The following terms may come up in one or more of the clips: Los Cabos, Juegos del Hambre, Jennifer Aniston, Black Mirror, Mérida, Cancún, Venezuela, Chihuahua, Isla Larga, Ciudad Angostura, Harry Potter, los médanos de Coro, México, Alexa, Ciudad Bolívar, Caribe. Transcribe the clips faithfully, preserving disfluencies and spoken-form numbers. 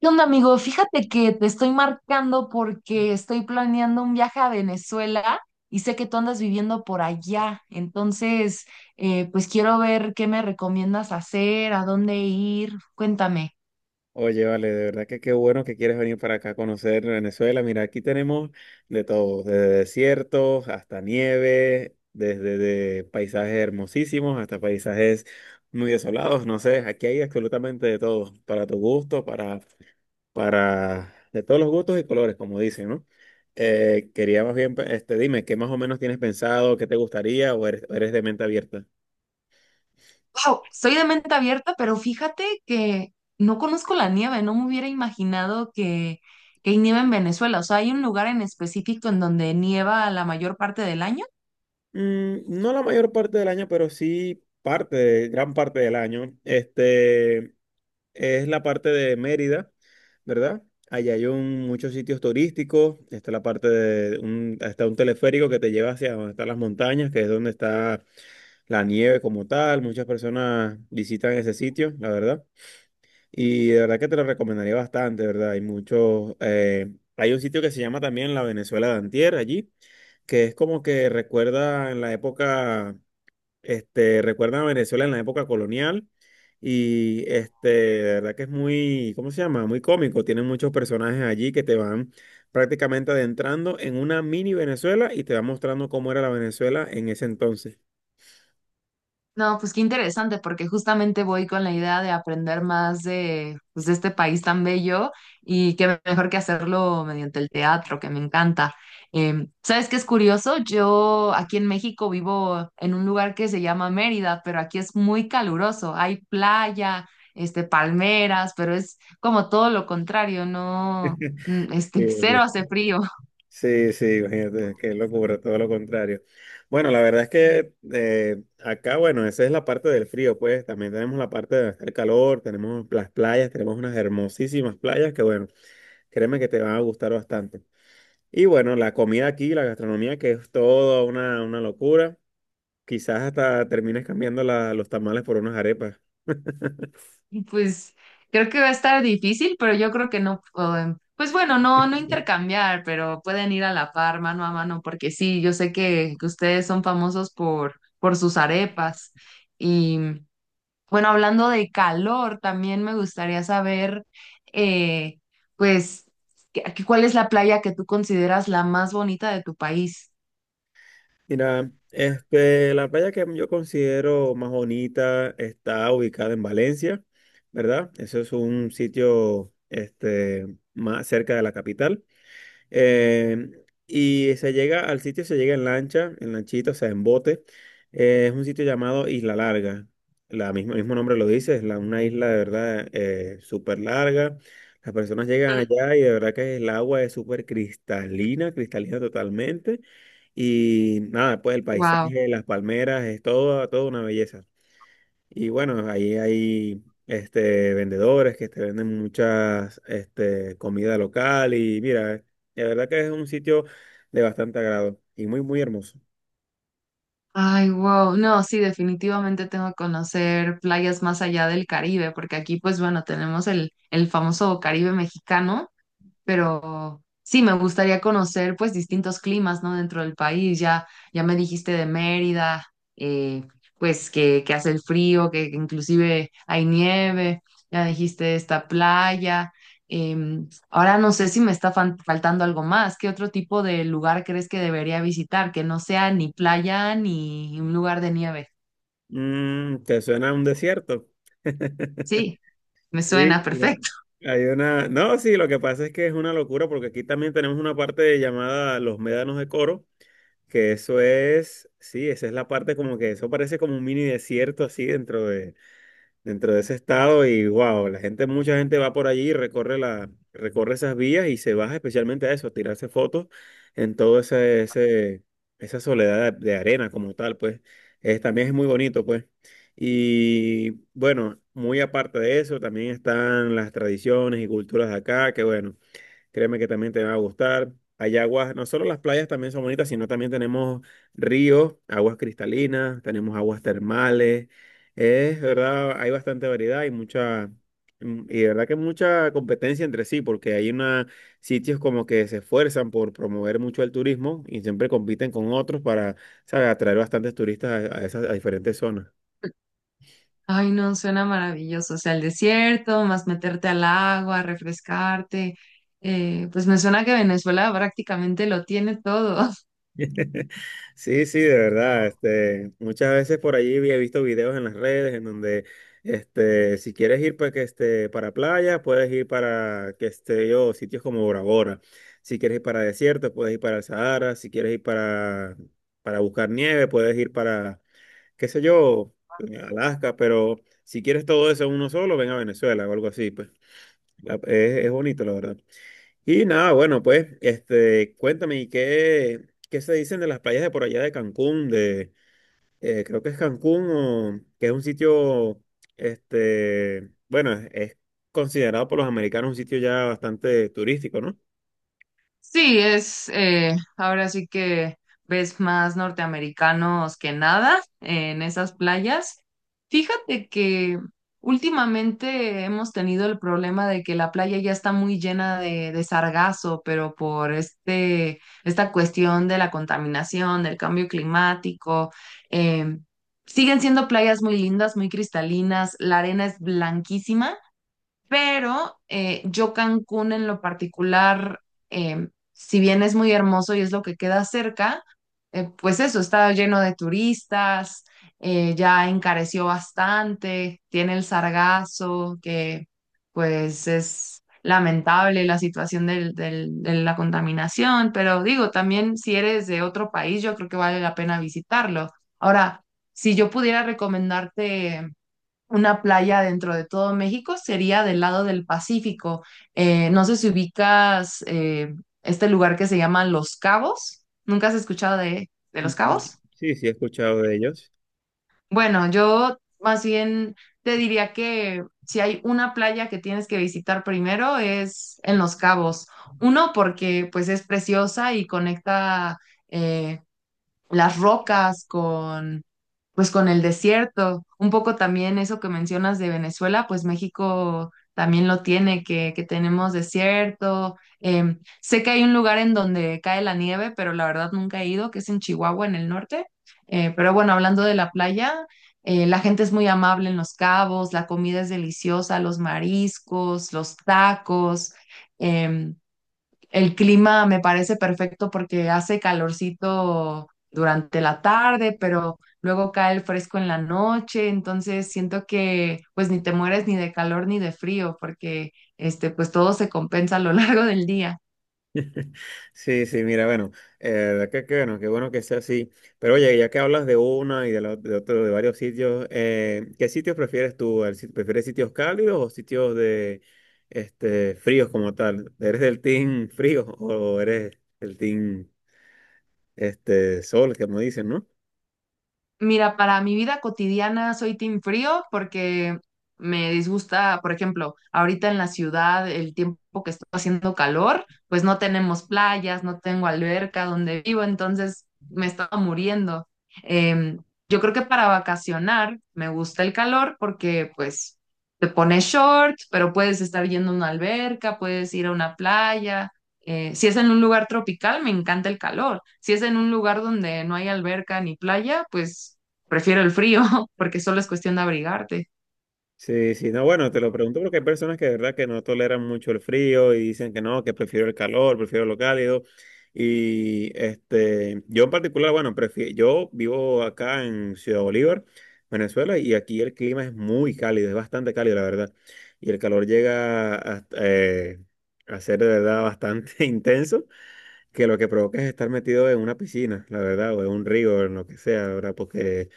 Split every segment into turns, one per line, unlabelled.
¿Qué onda, amigo? Fíjate que te estoy marcando porque estoy planeando un viaje a Venezuela y sé que tú andas viviendo por allá. Entonces, eh, pues quiero ver qué me recomiendas hacer, a dónde ir. Cuéntame.
Oye, vale, de verdad que qué bueno que quieres venir para acá a conocer Venezuela. Mira, aquí tenemos de todo, desde desiertos hasta nieve, desde de paisajes hermosísimos hasta paisajes muy desolados, no sé, aquí hay absolutamente de todo, para tu gusto, para, para, de todos los gustos y colores, como dicen, ¿no? Eh, quería más bien, este, dime, ¿qué más o menos tienes pensado, qué te gustaría o eres, o eres de mente abierta?
Wow, soy de mente abierta, pero fíjate que no conozco la nieve. No me hubiera imaginado que, que hay nieve en Venezuela. O sea, ¿hay un lugar en específico en donde nieva la mayor parte del año?
Mm, no la mayor parte del año, pero sí parte, de- gran parte del año. Este es la parte de Mérida, ¿verdad? Allá hay un- muchos sitios turísticos. Está la parte de un, está un teleférico que te lleva hacia donde están las montañas, que es donde está la nieve como tal. Muchas personas visitan ese sitio, la verdad. Y de verdad que te lo recomendaría bastante, ¿verdad? Hay muchos, eh, hay un sitio que se llama también la Venezuela de Antier allí, que es como que recuerda en la época, este, recuerda a Venezuela en la época colonial y este, de verdad que es muy, ¿cómo se llama? Muy cómico. Tienen muchos personajes allí que te van prácticamente adentrando en una mini Venezuela y te va mostrando cómo era la Venezuela en ese entonces.
No, pues qué interesante, porque justamente voy con la idea de aprender más de, pues, de este país tan bello y qué mejor que hacerlo mediante el teatro, que me encanta. Eh, ¿sabes qué es curioso? Yo aquí en México vivo en un lugar que se llama Mérida, pero aquí es muy caluroso. Hay playa, este, palmeras, pero es como todo lo contrario, no, mm,
Sí,
este, cero
sí.
hace frío.
Sí, sí, imagínate, qué locura, todo lo contrario. Bueno, la verdad es que eh, acá, bueno, esa es la parte del frío, pues también tenemos la parte de hacer calor, tenemos las playas, tenemos unas hermosísimas playas que, bueno, créeme que te van a gustar bastante. Y bueno, la comida aquí, la gastronomía, que es toda una, una locura. Quizás hasta termines cambiando la- los tamales por unas arepas.
Pues creo que va a estar difícil, pero yo creo que no, eh, pues bueno, no, no intercambiar, pero pueden ir a la par, mano a mano, porque sí, yo sé que, que ustedes son famosos por, por sus arepas. Y bueno, hablando de calor, también me gustaría saber, eh, pues, ¿qué- qué- ¿cuál es la playa que tú consideras la más bonita de tu país?
Mira, este, la playa que yo considero más bonita está ubicada en Valencia, ¿verdad? Eso es un sitio, este, más cerca de la capital. Eh, y se llega al sitio, se llega en lancha, en lanchita, o sea, en bote. Eh, es un sitio llamado Isla Larga. La misma, el mismo nombre lo dice, es la- una isla de verdad eh, súper larga. Las personas llegan allá y de verdad que el agua es súper cristalina, cristalina totalmente. Y nada, pues el
Wow.
paisaje, las palmeras, es todo, toda una belleza. Y bueno, ahí hay este, vendedores que te venden muchas este, comida local y mira, la verdad que es un sitio de bastante agrado y muy, muy hermoso.
Ay, wow. No, sí, definitivamente tengo que conocer playas más allá del Caribe, porque aquí, pues bueno, tenemos el, el famoso Caribe mexicano, pero sí, me gustaría conocer pues distintos climas, ¿no? Dentro del país, ya, ya me dijiste de Mérida, eh, pues que, que hace el frío, que, que inclusive hay nieve, ya dijiste de esta playa. Em, ahora no sé si me está fan- faltando algo más. ¿Qué otro tipo de lugar crees que debería visitar? Que no sea ni playa ni un lugar de nieve.
Mm, ¿te suena un desierto?
Sí, me
Sí,
suena
mira,
perfecto.
hay una... No, sí, lo que pasa es que es una locura porque aquí también tenemos una parte llamada los médanos de Coro, que eso es, sí, esa es la parte como que eso parece como un mini desierto así dentro de... dentro de ese estado y wow, la gente, mucha gente va por allí y recorre la, recorre esas vías y se baja especialmente a eso, a tirarse fotos en todo ese, ese, esa soledad de, de arena como tal, pues es, también es muy bonito, pues. Y bueno, muy aparte de eso, también están las tradiciones y culturas de acá, que bueno. Créeme que también te va a gustar. Hay aguas, no solo las playas también son bonitas, sino también tenemos ríos, aguas cristalinas, tenemos aguas termales. Es verdad, hay bastante variedad y mucha, mm, y de verdad que mucha competencia entre sí, porque hay una, sitios como que se esfuerzan por promover mucho el turismo y siempre compiten con otros para, ¿sabes? Atraer bastantes turistas a a esas a diferentes zonas.
Ay, no, suena maravilloso. O sea, el desierto, más meterte al agua, refrescarte. Eh, pues me suena que Venezuela prácticamente lo tiene todo.
Sí, sí, de verdad. Este, muchas veces por allí había visto videos en las redes en donde, este, si quieres ir para que este, para playa, puedes ir para que esté yo sitios como Bora Bora. Si quieres ir para desierto, puedes ir para el Sahara. Si quieres ir para para buscar nieve, puedes ir para qué sé yo, Alaska. Pero si quieres todo eso en uno solo, ven a Venezuela o algo así. Pues La- es, es bonito, la verdad. Y nada, bueno, pues, este, cuéntame, ¿y qué, qué se dicen de las playas de por allá de Cancún? De, eh, creo que es Cancún, o, que es un sitio, este, bueno, es, es considerado por los americanos un sitio ya bastante turístico, ¿no?
Sí, es eh, ahora sí que ves más norteamericanos que nada en esas playas. Fíjate que últimamente hemos tenido el problema de que la playa ya está muy llena de, de sargazo, pero por este, esta cuestión de la contaminación, del cambio climático, em, siguen siendo playas muy lindas, muy cristalinas, la arena es blanquísima pero eh, yo Cancún en lo particular, eh, si bien es muy hermoso y es lo que queda cerca, eh, pues eso, está lleno de turistas, eh, ya encareció bastante, tiene el sargazo, que pues es lamentable la situación del- del- de la contaminación, pero digo, también si eres de otro país, yo creo que vale la pena visitarlo. Ahora, si yo pudiera recomendarte una playa dentro de todo México sería del lado del Pacífico. Eh, no sé si ubicas eh, este lugar que se llama Los Cabos. ¿Nunca has escuchado de, de Los Cabos?
Sí, sí, he escuchado de ellos.
Bueno, yo más bien te diría que si hay una playa que tienes que visitar primero es en Los Cabos. Uno, porque pues es preciosa y conecta eh, las rocas pues con el desierto. Un poco también eso que mencionas de Venezuela, pues México también lo tiene, que, que tenemos desierto. Em, sé que hay un lugar en donde cae la nieve, pero la verdad nunca he ido, que es en Chihuahua, en el norte. Eh, pero bueno, hablando de la playa, eh, la gente es muy amable en Los Cabos, la comida es deliciosa, los mariscos, los tacos. Em, el clima me parece perfecto porque hace calorcito durante la tarde, pero luego cae el fresco en la noche, entonces siento que pues ni te mueres ni de calor ni de frío porque este pues todo se compensa a lo largo del día.
Sí, sí, mira, bueno, eh, de verdad que, que bueno, qué bueno que sea así. Pero oye, ya que hablas de una y de, la- de otro, de varios sitios, eh, ¿qué sitios prefieres tú? ¿El sit- ¿Prefieres sitios cálidos o sitios de este fríos como tal? ¿Eres del team frío o eres del team este sol, como dicen, ¿no?
Mira, para mi vida cotidiana soy team frío porque me disgusta, por ejemplo, ahorita en la ciudad, el tiempo que está haciendo calor, pues no tenemos playas, no tengo alberca donde vivo, entonces me estaba muriendo. Em, yo creo que para vacacionar me gusta el calor porque pues te pones shorts, pero puedes estar yendo a una alberca, puedes ir a una playa. Eh, si es en un lugar tropical, me encanta el calor. Si es en un lugar donde no hay alberca ni playa, pues prefiero el frío, porque solo es cuestión de abrigarte.
Sí, sí, no, bueno, te lo pregunto porque hay personas que de verdad que no toleran mucho el frío y dicen que no, que prefiero el calor, prefiero lo cálido. Y este, yo en particular, bueno, prefi- yo vivo acá en Ciudad Bolívar, Venezuela, y aquí el clima es muy cálido, es bastante cálido, la verdad. Y el calor llega a, eh, a ser de verdad bastante intenso, que lo que provoca es estar metido en una piscina, la verdad, o en un río, en lo que sea, la ¿verdad? Porque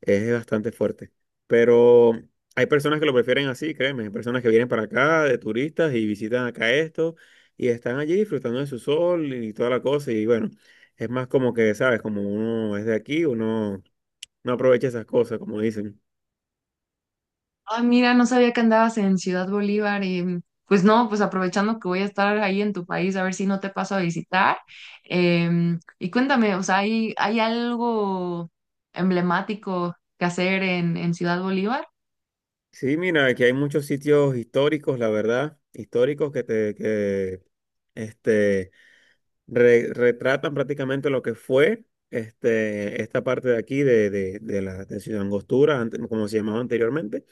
es bastante fuerte. Pero hay personas que lo prefieren así, créeme. Hay personas que vienen para acá de turistas y visitan acá esto y están allí disfrutando de su sol y toda la cosa. Y bueno, es más como que, ¿sabes? Como uno es de aquí, uno no aprovecha esas cosas, como dicen.
Ah, mira, no sabía que andabas en Ciudad Bolívar y pues no, pues aprovechando que voy a estar ahí en tu país, a ver si no te paso a visitar. Em, y cuéntame, o sea, ¿hay, hay algo emblemático que hacer en, en Ciudad Bolívar?
Sí, mira, aquí hay muchos sitios históricos, la verdad, históricos que te, que, este, re- retratan prácticamente lo que fue este, esta parte de aquí de, de, de la de Ciudad Angostura, ante- como se llamaba anteriormente.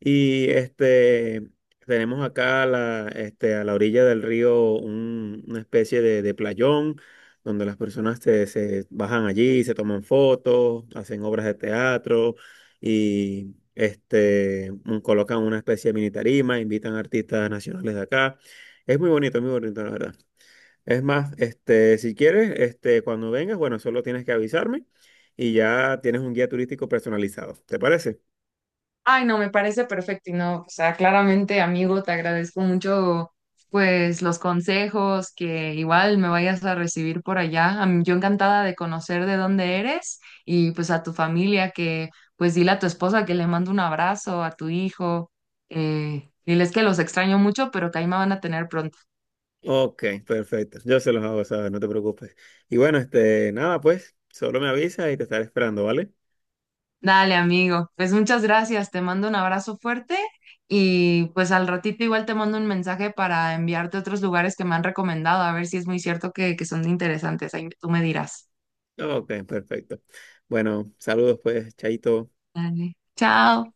Y este, tenemos acá a la, este, a la orilla del río un- una especie de, de playón donde las personas se, se bajan allí, se toman fotos, hacen obras de teatro y este, un- colocan una especie de mini tarima, invitan artistas nacionales de acá. Es muy bonito, muy bonito, la verdad. Es más, este, si quieres, este, cuando vengas, bueno, solo tienes que avisarme y ya tienes un guía turístico personalizado. ¿Te parece?
Ay, no, me parece perfecto y no, o sea, claramente, amigo, te agradezco mucho, pues, los consejos que igual me vayas a recibir por allá. A mí- yo encantada de conocer de dónde eres y pues a tu familia que, pues, dile a tu esposa que le mando un abrazo, a tu hijo, eh, diles que los extraño mucho, pero que ahí me van a tener pronto.
Ok, perfecto. Yo se los hago saber, no te preocupes. Y bueno, este, nada, pues, solo me avisa y te estaré esperando, ¿vale?
Dale, amigo. Pues muchas gracias. Te mando un abrazo fuerte y pues al ratito igual te mando un mensaje para enviarte otros lugares que me han recomendado, a ver si es muy cierto que, que son interesantes. Ahí tú me dirás.
Ok, perfecto. Bueno, saludos, pues, Chaito.
Dale. Chao.